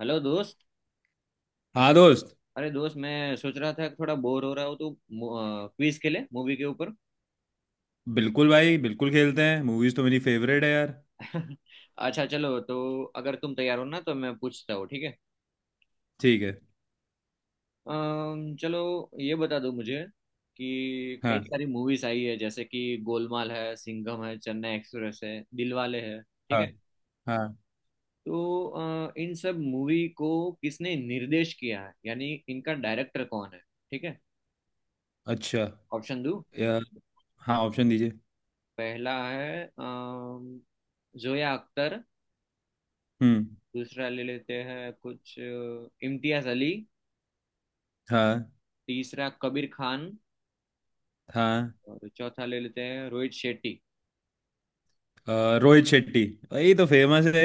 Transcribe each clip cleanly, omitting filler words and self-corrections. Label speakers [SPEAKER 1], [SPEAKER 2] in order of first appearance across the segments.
[SPEAKER 1] Hello दोस्त।
[SPEAKER 2] हाँ दोस्त।
[SPEAKER 1] अरे दोस्त, मैं सोच रहा था कि थोड़ा बोर हो रहा हूँ तो क्विज खेले मूवी के ऊपर।
[SPEAKER 2] बिल्कुल भाई, बिल्कुल खेलते हैं। मूवीज तो मेरी फेवरेट है यार।
[SPEAKER 1] अच्छा चलो तो अगर तुम तैयार हो ना तो मैं पूछता हूँ, ठीक है?
[SPEAKER 2] ठीक है।
[SPEAKER 1] चलो ये बता दो मुझे कि कई
[SPEAKER 2] हाँ।
[SPEAKER 1] सारी मूवीज आई है जैसे कि गोलमाल है, सिंघम है, चेन्नई एक्सप्रेस है, दिलवाले है, ठीक
[SPEAKER 2] हाँ।
[SPEAKER 1] है?
[SPEAKER 2] हाँ।
[SPEAKER 1] तो इन सब मूवी को किसने निर्देश किया है यानी इनका डायरेक्टर कौन है, ठीक है?
[SPEAKER 2] अच्छा।
[SPEAKER 1] ऑप्शन दो।
[SPEAKER 2] यार। हाँ, ऑप्शन दीजिए।
[SPEAKER 1] पहला है जोया अख्तर।
[SPEAKER 2] हम्म।
[SPEAKER 1] दूसरा ले लेते हैं कुछ इम्तियाज अली।
[SPEAKER 2] हाँ।
[SPEAKER 1] तीसरा कबीर खान।
[SPEAKER 2] हाँ।
[SPEAKER 1] और चौथा ले लेते हैं रोहित शेट्टी।
[SPEAKER 2] रोहित शेट्टी। यही तो फेमस है।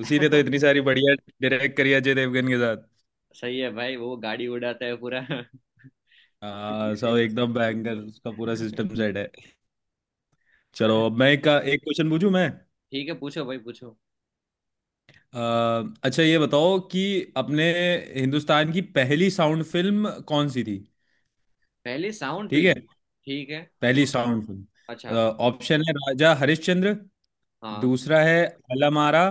[SPEAKER 2] उसी ने तो इतनी सारी बढ़िया डायरेक्ट करी अजय देवगन के साथ।
[SPEAKER 1] सही है भाई, वो गाड़ी उड़ाता है पूरा।
[SPEAKER 2] हाँ,
[SPEAKER 1] इसलिए
[SPEAKER 2] सब
[SPEAKER 1] फेमस
[SPEAKER 2] एकदम बैंगर, उसका पूरा
[SPEAKER 1] है।
[SPEAKER 2] सिस्टम सेट है। चलो
[SPEAKER 1] अरे
[SPEAKER 2] अब मैं एक क्वेश्चन पूछूं मैं।
[SPEAKER 1] ठीक है, पूछो भाई पूछो।
[SPEAKER 2] अ, अच्छा ये बताओ कि अपने हिंदुस्तान की पहली साउंड फिल्म कौन सी थी।
[SPEAKER 1] पहली साउंड
[SPEAKER 2] ठीक है।
[SPEAKER 1] फिल्म। ठीक है।
[SPEAKER 2] पहली साउंड सुन।
[SPEAKER 1] अच्छा।
[SPEAKER 2] ऑप्शन है राजा हरिश्चंद्र।
[SPEAKER 1] हाँ।
[SPEAKER 2] दूसरा है अलामारा।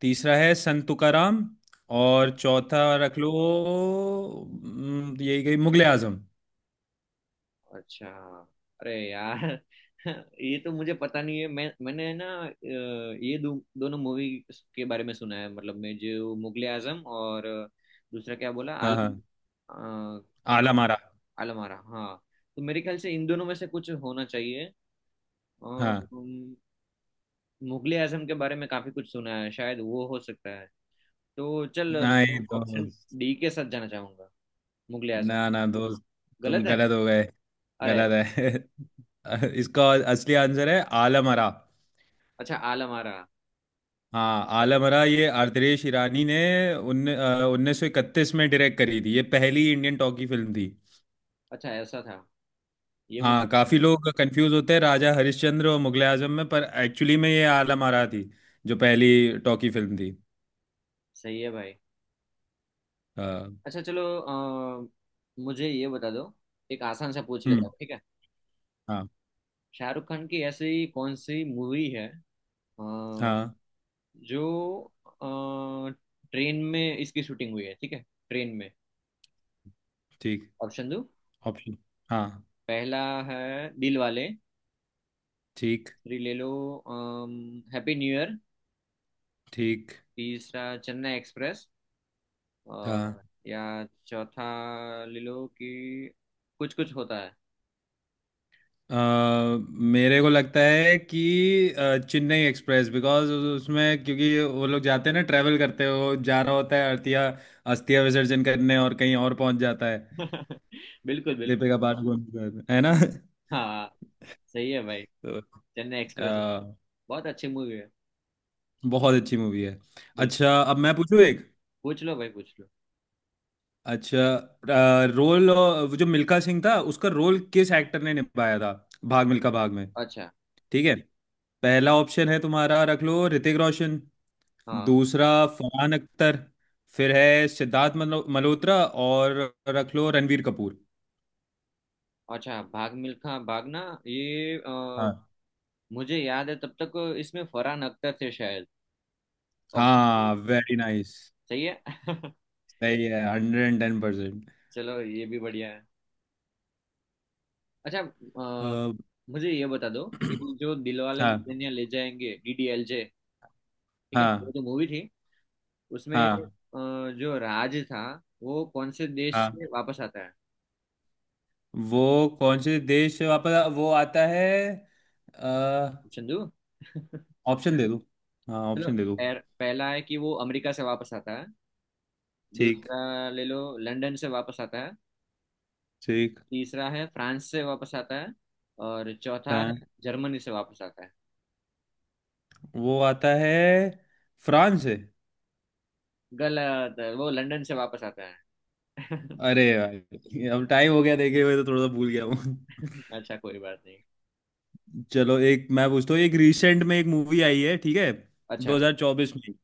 [SPEAKER 2] तीसरा है संत तुकाराम। और चौथा रख लो, यही गई मुगले आजम।
[SPEAKER 1] अच्छा। अरे यार, ये तो मुझे पता नहीं है। मैंने ना ये दोनों मूवी के बारे में सुना है, मतलब मैं, जो मुगले आजम और दूसरा क्या बोला,
[SPEAKER 2] हाँ। हाँ
[SPEAKER 1] आलम। अ,
[SPEAKER 2] आलामारा।
[SPEAKER 1] आलम आरा। हाँ तो मेरे ख्याल से इन दोनों में से कुछ होना चाहिए।
[SPEAKER 2] हाँ।
[SPEAKER 1] उम, मुगले आजम के बारे में काफी कुछ सुना है, शायद वो हो सकता है। तो चल, मैं
[SPEAKER 2] नहीं
[SPEAKER 1] ऑप्शन
[SPEAKER 2] दोस्त।
[SPEAKER 1] डी के साथ जाना चाहूंगा, मुगले आजम।
[SPEAKER 2] ना ना दोस्त, तुम
[SPEAKER 1] गलत है?
[SPEAKER 2] गलत हो गए।
[SPEAKER 1] अरे।
[SPEAKER 2] गलत है। इसका असली आंसर है आलमरा।
[SPEAKER 1] अच्छा आलम आरा।
[SPEAKER 2] हाँ आलमरा, ये आर्द्रेश ईरानी ने उन्ने 1931 में डायरेक्ट करी थी। ये पहली इंडियन टॉकी फिल्म थी।
[SPEAKER 1] अच्छा ऐसा था, ये
[SPEAKER 2] हाँ,
[SPEAKER 1] मुझे पता
[SPEAKER 2] काफी
[SPEAKER 1] नहीं।
[SPEAKER 2] लोग कंफ्यूज होते हैं राजा हरिश्चंद्र और मुगले आजम में, पर एक्चुअली में ये आलमरा थी जो पहली टॉकी फिल्म थी।
[SPEAKER 1] सही है भाई।
[SPEAKER 2] हाँ।
[SPEAKER 1] अच्छा चलो, अ, मुझे ये बता दो, एक आसान सा पूछ लेता
[SPEAKER 2] हम्म।
[SPEAKER 1] हूँ, ठीक है?
[SPEAKER 2] हाँ।
[SPEAKER 1] शाहरुख खान की ऐसी कौन सी मूवी है अ,
[SPEAKER 2] हाँ।
[SPEAKER 1] जो ट्रेन में इसकी शूटिंग हुई है, ठीक है? ट्रेन में।
[SPEAKER 2] ठीक।
[SPEAKER 1] ऑप्शन दो।
[SPEAKER 2] ऑप्शन। हाँ।
[SPEAKER 1] पहला है दिल वाले।
[SPEAKER 2] ठीक।
[SPEAKER 1] फिर ले लो हैप्पी न्यू ईयर।
[SPEAKER 2] ठीक।
[SPEAKER 1] तीसरा चेन्नई एक्सप्रेस।
[SPEAKER 2] हाँ।
[SPEAKER 1] और या चौथा ले लो कि कुछ कुछ होता है।
[SPEAKER 2] अ, मेरे को लगता है कि चेन्नई एक्सप्रेस, बिकॉज उसमें क्योंकि वो लोग जाते हैं ना, ट्रैवल करते हैं, वो जा रहा होता है अर्थिया अस्थिया विसर्जन करने और कहीं और पहुंच जाता है।
[SPEAKER 1] बिल्कुल बिल्कुल।
[SPEAKER 2] दीपिका पादुकोण के साथ, है ना।
[SPEAKER 1] हाँ सही है भाई।
[SPEAKER 2] तो
[SPEAKER 1] चेन्नई एक्सप्रेस
[SPEAKER 2] अ,
[SPEAKER 1] बहुत अच्छी मूवी है,
[SPEAKER 2] बहुत अच्छी मूवी है।
[SPEAKER 1] बिल्कुल।
[SPEAKER 2] अच्छा अब मैं पूछूं एक।
[SPEAKER 1] पूछ लो भाई पूछ लो।
[SPEAKER 2] अच्छा रोल, जो मिल्खा सिंह था उसका रोल किस एक्टर ने निभाया था भाग मिल्खा भाग में।
[SPEAKER 1] अच्छा।
[SPEAKER 2] ठीक है। पहला ऑप्शन है तुम्हारा, रख लो ऋतिक रोशन।
[SPEAKER 1] हाँ।
[SPEAKER 2] दूसरा फरहान अख्तर। फिर है सिद्धार्थ मल्होत्रा। और रख लो रणवीर कपूर।
[SPEAKER 1] अच्छा भाग मिल्खा भागना। ये
[SPEAKER 2] हाँ।
[SPEAKER 1] मुझे याद है तब तक इसमें फरहान अख्तर थे शायद। ऑप्शन।
[SPEAKER 2] हाँ वेरी नाइस।
[SPEAKER 1] सही है।
[SPEAKER 2] सही है, हंड्रेड एंड टेन परसेंट।
[SPEAKER 1] चलो ये भी बढ़िया है। अच्छा, मुझे ये बता दो कि जो दिलवाले
[SPEAKER 2] हाँ।
[SPEAKER 1] दुल्हनिया ले जाएंगे, डीडीएलजे, ठीक है, वो
[SPEAKER 2] हाँ।
[SPEAKER 1] जो मूवी थी, उसमें
[SPEAKER 2] हाँ।
[SPEAKER 1] जो राज था, वो कौन से देश
[SPEAKER 2] हाँ।
[SPEAKER 1] से वापस आता है?
[SPEAKER 2] वो कौन से देश से वापस वो आता है।
[SPEAKER 1] ऑप्शन दो।
[SPEAKER 2] ऑप्शन दे दो। हाँ
[SPEAKER 1] चलो,
[SPEAKER 2] ऑप्शन दे दो।
[SPEAKER 1] पहला है कि वो अमेरिका से वापस आता है।
[SPEAKER 2] ठीक।
[SPEAKER 1] दूसरा ले लो, लंदन से वापस आता है।
[SPEAKER 2] ठीक।
[SPEAKER 1] तीसरा है फ्रांस से वापस आता है। और चौथा है
[SPEAKER 2] हाँ
[SPEAKER 1] जर्मनी से वापस आता है।
[SPEAKER 2] वो आता है फ्रांस से।
[SPEAKER 1] गलत है, वो लंदन से वापस आता है।
[SPEAKER 2] अरे भाई अब टाइम हो गया देखे हुए तो थोड़ा सा भूल गया हूँ।
[SPEAKER 1] अच्छा कोई बात नहीं।
[SPEAKER 2] चलो एक मैं पूछता हूँ, एक रिसेंट में एक मूवी आई है ठीक है।
[SPEAKER 1] अच्छा।
[SPEAKER 2] 2024 में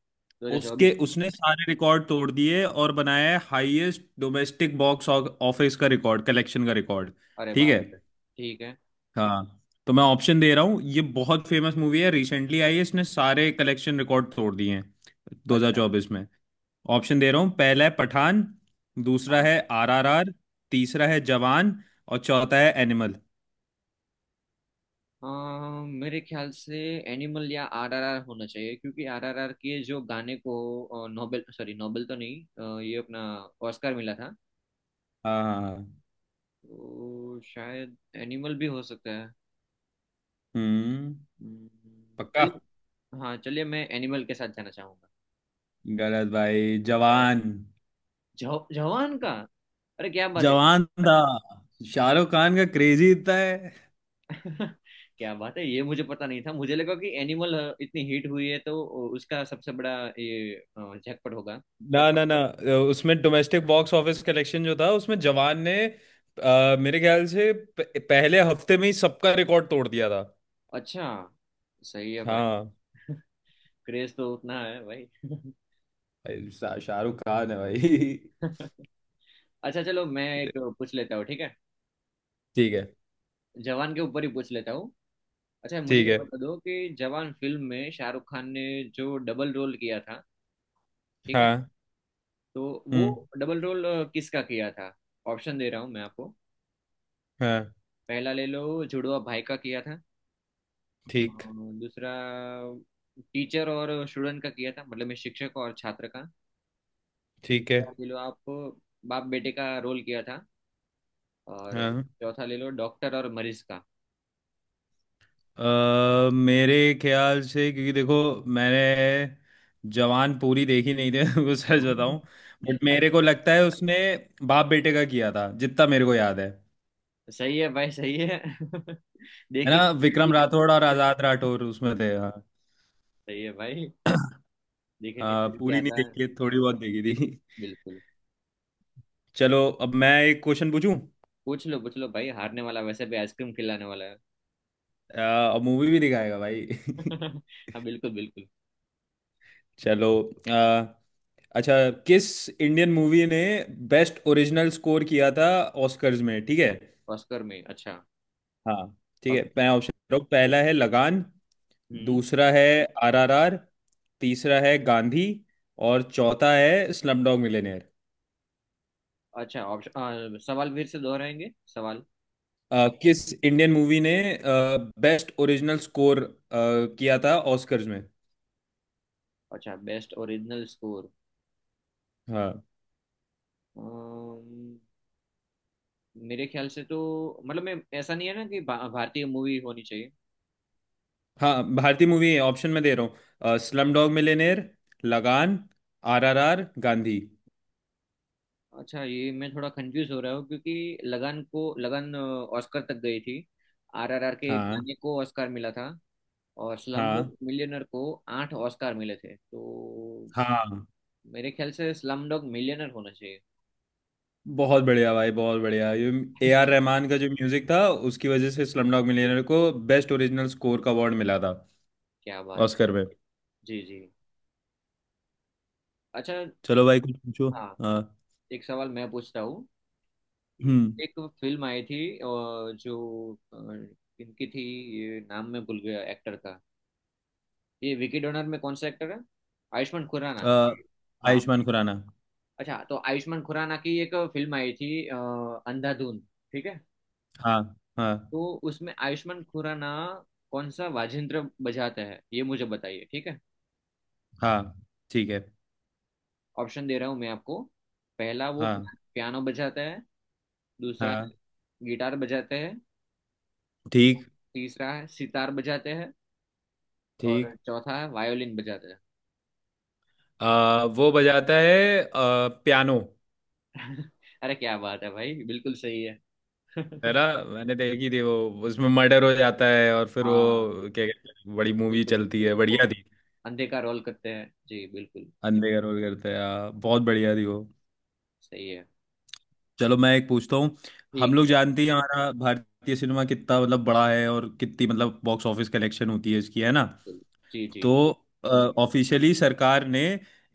[SPEAKER 1] दो हजार
[SPEAKER 2] उसके
[SPEAKER 1] चौबीस
[SPEAKER 2] उसने सारे रिकॉर्ड तोड़ दिए और बनाया है हाईएस्ट डोमेस्टिक बॉक्स ऑफिस का रिकॉर्ड, कलेक्शन का रिकॉर्ड।
[SPEAKER 1] अरे
[SPEAKER 2] ठीक
[SPEAKER 1] बाप
[SPEAKER 2] है।
[SPEAKER 1] रे। ठीक है।
[SPEAKER 2] हाँ। तो मैं ऑप्शन दे रहा हूँ, ये बहुत फेमस मूवी है, रिसेंटली आई है, इसने सारे कलेक्शन रिकॉर्ड तोड़ दिए हैं
[SPEAKER 1] अच्छा।
[SPEAKER 2] 2024 में। ऑप्शन दे रहा हूँ, पहला है पठान। दूसरा
[SPEAKER 1] हाँ।
[SPEAKER 2] है आरआरआर। तीसरा है जवान। और चौथा है एनिमल।
[SPEAKER 1] मेरे ख्याल से एनिमल या आरआरआर होना चाहिए क्योंकि आरआरआर के जो गाने को नोबेल, सॉरी नोबेल तो नहीं, ये अपना ऑस्कर मिला था।
[SPEAKER 2] हाँ।
[SPEAKER 1] तो शायद एनिमल भी हो सकता है।
[SPEAKER 2] हम्म।
[SPEAKER 1] हम्म,
[SPEAKER 2] पक्का।
[SPEAKER 1] चलिए। हाँ चलिए, मैं एनिमल के साथ जाना चाहूंगा।
[SPEAKER 2] गलत भाई,
[SPEAKER 1] अरे,
[SPEAKER 2] जवान।
[SPEAKER 1] जवान का। अरे क्या बात है!
[SPEAKER 2] जवान था शाहरुख खान का, क्रेजी इतना है।
[SPEAKER 1] क्या बात है, ये मुझे पता नहीं था। मुझे लगा कि एनिमल इतनी हिट हुई है तो उसका सबसे बड़ा ये झटपट होगा।
[SPEAKER 2] ना ना ना, उसमें डोमेस्टिक बॉक्स ऑफिस कलेक्शन जो था उसमें जवान ने, मेरे ख्याल से पहले हफ्ते में ही सबका रिकॉर्ड तोड़ दिया था।
[SPEAKER 1] अच्छा सही है भाई।
[SPEAKER 2] हाँ।
[SPEAKER 1] क्रेज तो उतना है भाई।
[SPEAKER 2] भाई, शाहरुख खान है भाई।
[SPEAKER 1] अच्छा चलो मैं एक पूछ लेता हूँ, ठीक है?
[SPEAKER 2] ठीक है।
[SPEAKER 1] जवान के ऊपर ही पूछ लेता हूँ। अच्छा मुझे
[SPEAKER 2] ठीक
[SPEAKER 1] ये
[SPEAKER 2] है।
[SPEAKER 1] बता दो कि जवान फिल्म में शाहरुख खान ने जो डबल रोल किया था, ठीक है,
[SPEAKER 2] हाँ।
[SPEAKER 1] तो वो
[SPEAKER 2] हम्म।
[SPEAKER 1] डबल रोल किसका किया था? ऑप्शन दे रहा हूँ मैं आपको।
[SPEAKER 2] हाँ।
[SPEAKER 1] पहला ले लो, जुड़वा भाई का किया था। अ,
[SPEAKER 2] ठीक।
[SPEAKER 1] दूसरा टीचर और स्टूडेंट का किया था, मतलब मैं शिक्षक और छात्र का।
[SPEAKER 2] ठीक है।
[SPEAKER 1] तीसरा ले लो आप, बाप बेटे का रोल किया था। और
[SPEAKER 2] हाँ।
[SPEAKER 1] चौथा ले लो डॉक्टर और मरीज का।
[SPEAKER 2] मेरे ख्याल से, क्योंकि देखो मैंने जवान पूरी देखी नहीं थी वो सच बताऊं। बट मेरे
[SPEAKER 1] अच्छा,
[SPEAKER 2] को लगता है उसने बाप बेटे का किया था, जितना मेरे को याद है।
[SPEAKER 1] सही है भाई सही है।
[SPEAKER 2] है ना,
[SPEAKER 1] देखिए फिर
[SPEAKER 2] विक्रम
[SPEAKER 1] भी
[SPEAKER 2] राठौड़ और आजाद राठौड़ उसमें थे। हाँ।
[SPEAKER 1] सही है भाई, देखने
[SPEAKER 2] हाँ
[SPEAKER 1] फिर भी
[SPEAKER 2] पूरी नहीं
[SPEAKER 1] आता है,
[SPEAKER 2] देखी है, थोड़ी बहुत देखी थी।
[SPEAKER 1] बिल्कुल।
[SPEAKER 2] चलो अब मैं एक क्वेश्चन पूछूं।
[SPEAKER 1] पूछ लो भाई, हारने वाला वैसे भी आइसक्रीम खिलाने वाला है।
[SPEAKER 2] अ, अब मूवी भी दिखाएगा भाई।
[SPEAKER 1] हाँ बिल्कुल बिल्कुल।
[SPEAKER 2] चलो। अ, अच्छा किस इंडियन मूवी ने बेस्ट ओरिजिनल स्कोर किया था ऑस्कर्स में, ठीक है।
[SPEAKER 1] ऑस्कर में? अच्छा।
[SPEAKER 2] हाँ। ठीक है,
[SPEAKER 1] अब
[SPEAKER 2] मैं ऑप्शन दे रहा हूँ, पहला है लगान।
[SPEAKER 1] हम्म
[SPEAKER 2] दूसरा है आरआरआर। तीसरा है गांधी। और चौथा है स्लमडॉग मिलियनेयर।
[SPEAKER 1] अच्छा ऑप्शन, सवाल फिर से दोहराएंगे, सवाल।
[SPEAKER 2] किस इंडियन मूवी ने बेस्ट ओरिजिनल स्कोर किया था ऑस्कर्स में।
[SPEAKER 1] अच्छा बेस्ट ओरिजिनल स्कोर।
[SPEAKER 2] हाँ।
[SPEAKER 1] मेरे ख्याल से तो, मतलब मैं, ऐसा नहीं है ना कि भारतीय मूवी होनी चाहिए?
[SPEAKER 2] हाँ, भारतीय मूवी है ऑप्शन में दे रहा हूँ: slumdog millionaire, Lagaan, RRR, Gandhi.
[SPEAKER 1] अच्छा ये मैं थोड़ा कंफ्यूज हो रहा हूँ, क्योंकि लगान ऑस्कर तक गई थी, आरआरआर के
[SPEAKER 2] हाँ।
[SPEAKER 1] गाने को ऑस्कर मिला था, और स्लम
[SPEAKER 2] हाँ।
[SPEAKER 1] डॉग मिलियनर को 8 ऑस्कर मिले थे। तो
[SPEAKER 2] हाँ।
[SPEAKER 1] मेरे ख्याल से स्लम डॉग मिलियनर होना चाहिए।
[SPEAKER 2] बहुत बढ़िया भाई, बहुत बढ़िया। ये ए आर रहमान का जो म्यूजिक था उसकी वजह से स्लमडॉग मिलियनेयर को बेस्ट ओरिजिनल स्कोर का अवार्ड मिला था
[SPEAKER 1] क्या बात!
[SPEAKER 2] ऑस्कर में।
[SPEAKER 1] जी जी। अच्छा।
[SPEAKER 2] चलो भाई कुछ पूछो।
[SPEAKER 1] हाँ,
[SPEAKER 2] हाँ।
[SPEAKER 1] एक सवाल मैं पूछता हूँ कि
[SPEAKER 2] हम्म।
[SPEAKER 1] एक फिल्म आई थी जो किनकी थी, ये नाम मैं भूल गया एक्टर का। ये विकी डोनर में कौन सा एक्टर है? आयुष्मान खुराना।
[SPEAKER 2] अ,
[SPEAKER 1] हाँ।
[SPEAKER 2] आयुष्मान खुराना।
[SPEAKER 1] अच्छा तो आयुष्मान खुराना की एक फिल्म आई थी अंधाधुन, ठीक है?
[SPEAKER 2] हाँ। हाँ।
[SPEAKER 1] तो उसमें आयुष्मान खुराना कौन सा वाजिंत्र बजाता है, ये मुझे बताइए, ठीक है?
[SPEAKER 2] हाँ। ठीक है।
[SPEAKER 1] ऑप्शन दे रहा हूँ मैं आपको। पहला, वो
[SPEAKER 2] हाँ।
[SPEAKER 1] पियानो बजाता है। दूसरा
[SPEAKER 2] हाँ।
[SPEAKER 1] गिटार बजाता है।
[SPEAKER 2] ठीक।
[SPEAKER 1] तीसरा है सितार बजाते हैं। और
[SPEAKER 2] ठीक।
[SPEAKER 1] चौथा है वायोलिन बजाते हैं।
[SPEAKER 2] वो बजाता है पियानो।
[SPEAKER 1] अरे क्या बात है भाई, बिल्कुल सही है।
[SPEAKER 2] है ना। मैंने देखी थी वो, उसमें मर्डर हो जाता है और फिर
[SPEAKER 1] हाँ
[SPEAKER 2] वो क्या कहते हैं, बड़ी मूवी
[SPEAKER 1] बिल्कुल
[SPEAKER 2] चलती
[SPEAKER 1] बिल्कुल,
[SPEAKER 2] है,
[SPEAKER 1] वो
[SPEAKER 2] बढ़िया थी।
[SPEAKER 1] अंधे का रोल करते हैं जी, बिल्कुल।
[SPEAKER 2] अंधे करोल करते हैं, हाँ, बहुत बढ़िया थी वो।
[SPEAKER 1] सही है।
[SPEAKER 2] चलो मैं एक पूछता हूँ। हम
[SPEAKER 1] ठीक
[SPEAKER 2] लोग
[SPEAKER 1] है,
[SPEAKER 2] जानते ही हैं हमारा भारतीय सिनेमा कितना मतलब बड़ा है और कितनी मतलब बॉक्स ऑफिस कलेक्शन होती है इसकी, है ना।
[SPEAKER 1] बिल्कुल। जी जी।
[SPEAKER 2] तो ऑफिशियली सरकार ने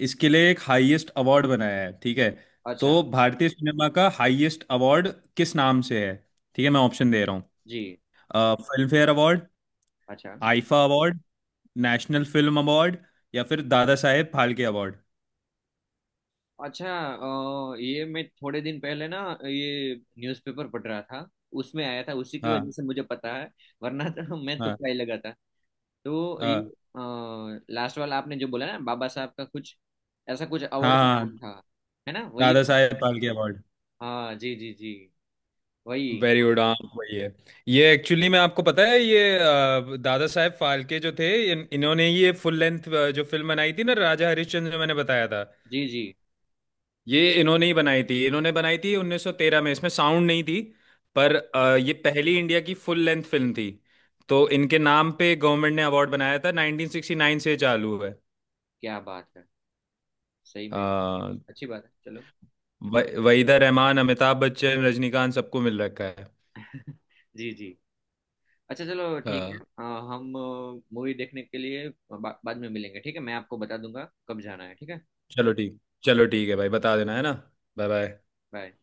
[SPEAKER 2] इसके लिए एक हाईएस्ट अवार्ड बनाया है, ठीक है।
[SPEAKER 1] अच्छा
[SPEAKER 2] तो भारतीय सिनेमा का हाईएस्ट अवार्ड किस नाम से है, ठीक है मैं ऑप्शन दे रहा
[SPEAKER 1] जी।
[SPEAKER 2] हूँ: फिल्म फेयर अवार्ड,
[SPEAKER 1] अच्छा
[SPEAKER 2] IIFA award, national film award, या फिर दादा साहेब फाल्के अवार्ड।
[SPEAKER 1] अच्छा, ये मैं थोड़े दिन पहले ना, ये न्यूज़पेपर पढ़ रहा था, उसमें आया था, उसी की वजह
[SPEAKER 2] हाँ।
[SPEAKER 1] से मुझे पता है। वरना तो मैं
[SPEAKER 2] हाँ।
[SPEAKER 1] तुक्का ही लगा था। तो ये
[SPEAKER 2] हाँ।
[SPEAKER 1] लास्ट वाला आपने जो बोला ना, बाबा साहब का कुछ ऐसा कुछ
[SPEAKER 2] हाँ।
[SPEAKER 1] अवार्ड का नाम
[SPEAKER 2] हाँ,
[SPEAKER 1] था, है ना? वही है
[SPEAKER 2] दादा
[SPEAKER 1] ना?
[SPEAKER 2] साहेब फाल्के अवार्ड।
[SPEAKER 1] हाँ जी जी जी, वही।
[SPEAKER 2] वेरी गुड, हाँ वही है। ये एक्चुअली, मैं आपको पता है, ये दादा साहब फाल्के जो थे, इन्होंने ही ये फुल लेंथ जो फिल्म बनाई थी ना, राजा हरिश्चंद्र, जो मैंने बताया था,
[SPEAKER 1] जी जी।
[SPEAKER 2] ये इन्होंने ही बनाई थी। इन्होंने बनाई थी 1913 में, इसमें साउंड नहीं थी। पर ये पहली इंडिया की फुल लेंथ फिल्म थी। तो इनके नाम पे गवर्नमेंट ने अवार्ड बनाया था, 1969 से चालू है।
[SPEAKER 1] क्या बात है, सही में।
[SPEAKER 2] अ,
[SPEAKER 1] अच्छी बात है चलो।
[SPEAKER 2] वहीदा रहमान, अमिताभ बच्चन, रजनीकांत सबको मिल रखा है।
[SPEAKER 1] जी जी। अच्छा चलो
[SPEAKER 2] अ,
[SPEAKER 1] ठीक है, हम मूवी देखने के लिए बाद में मिलेंगे, ठीक है, मैं आपको बता दूंगा कब जाना है, ठीक है?
[SPEAKER 2] चलो ठीक। चलो ठीक है भाई, बता देना, है ना। Bye bye.
[SPEAKER 1] बाय।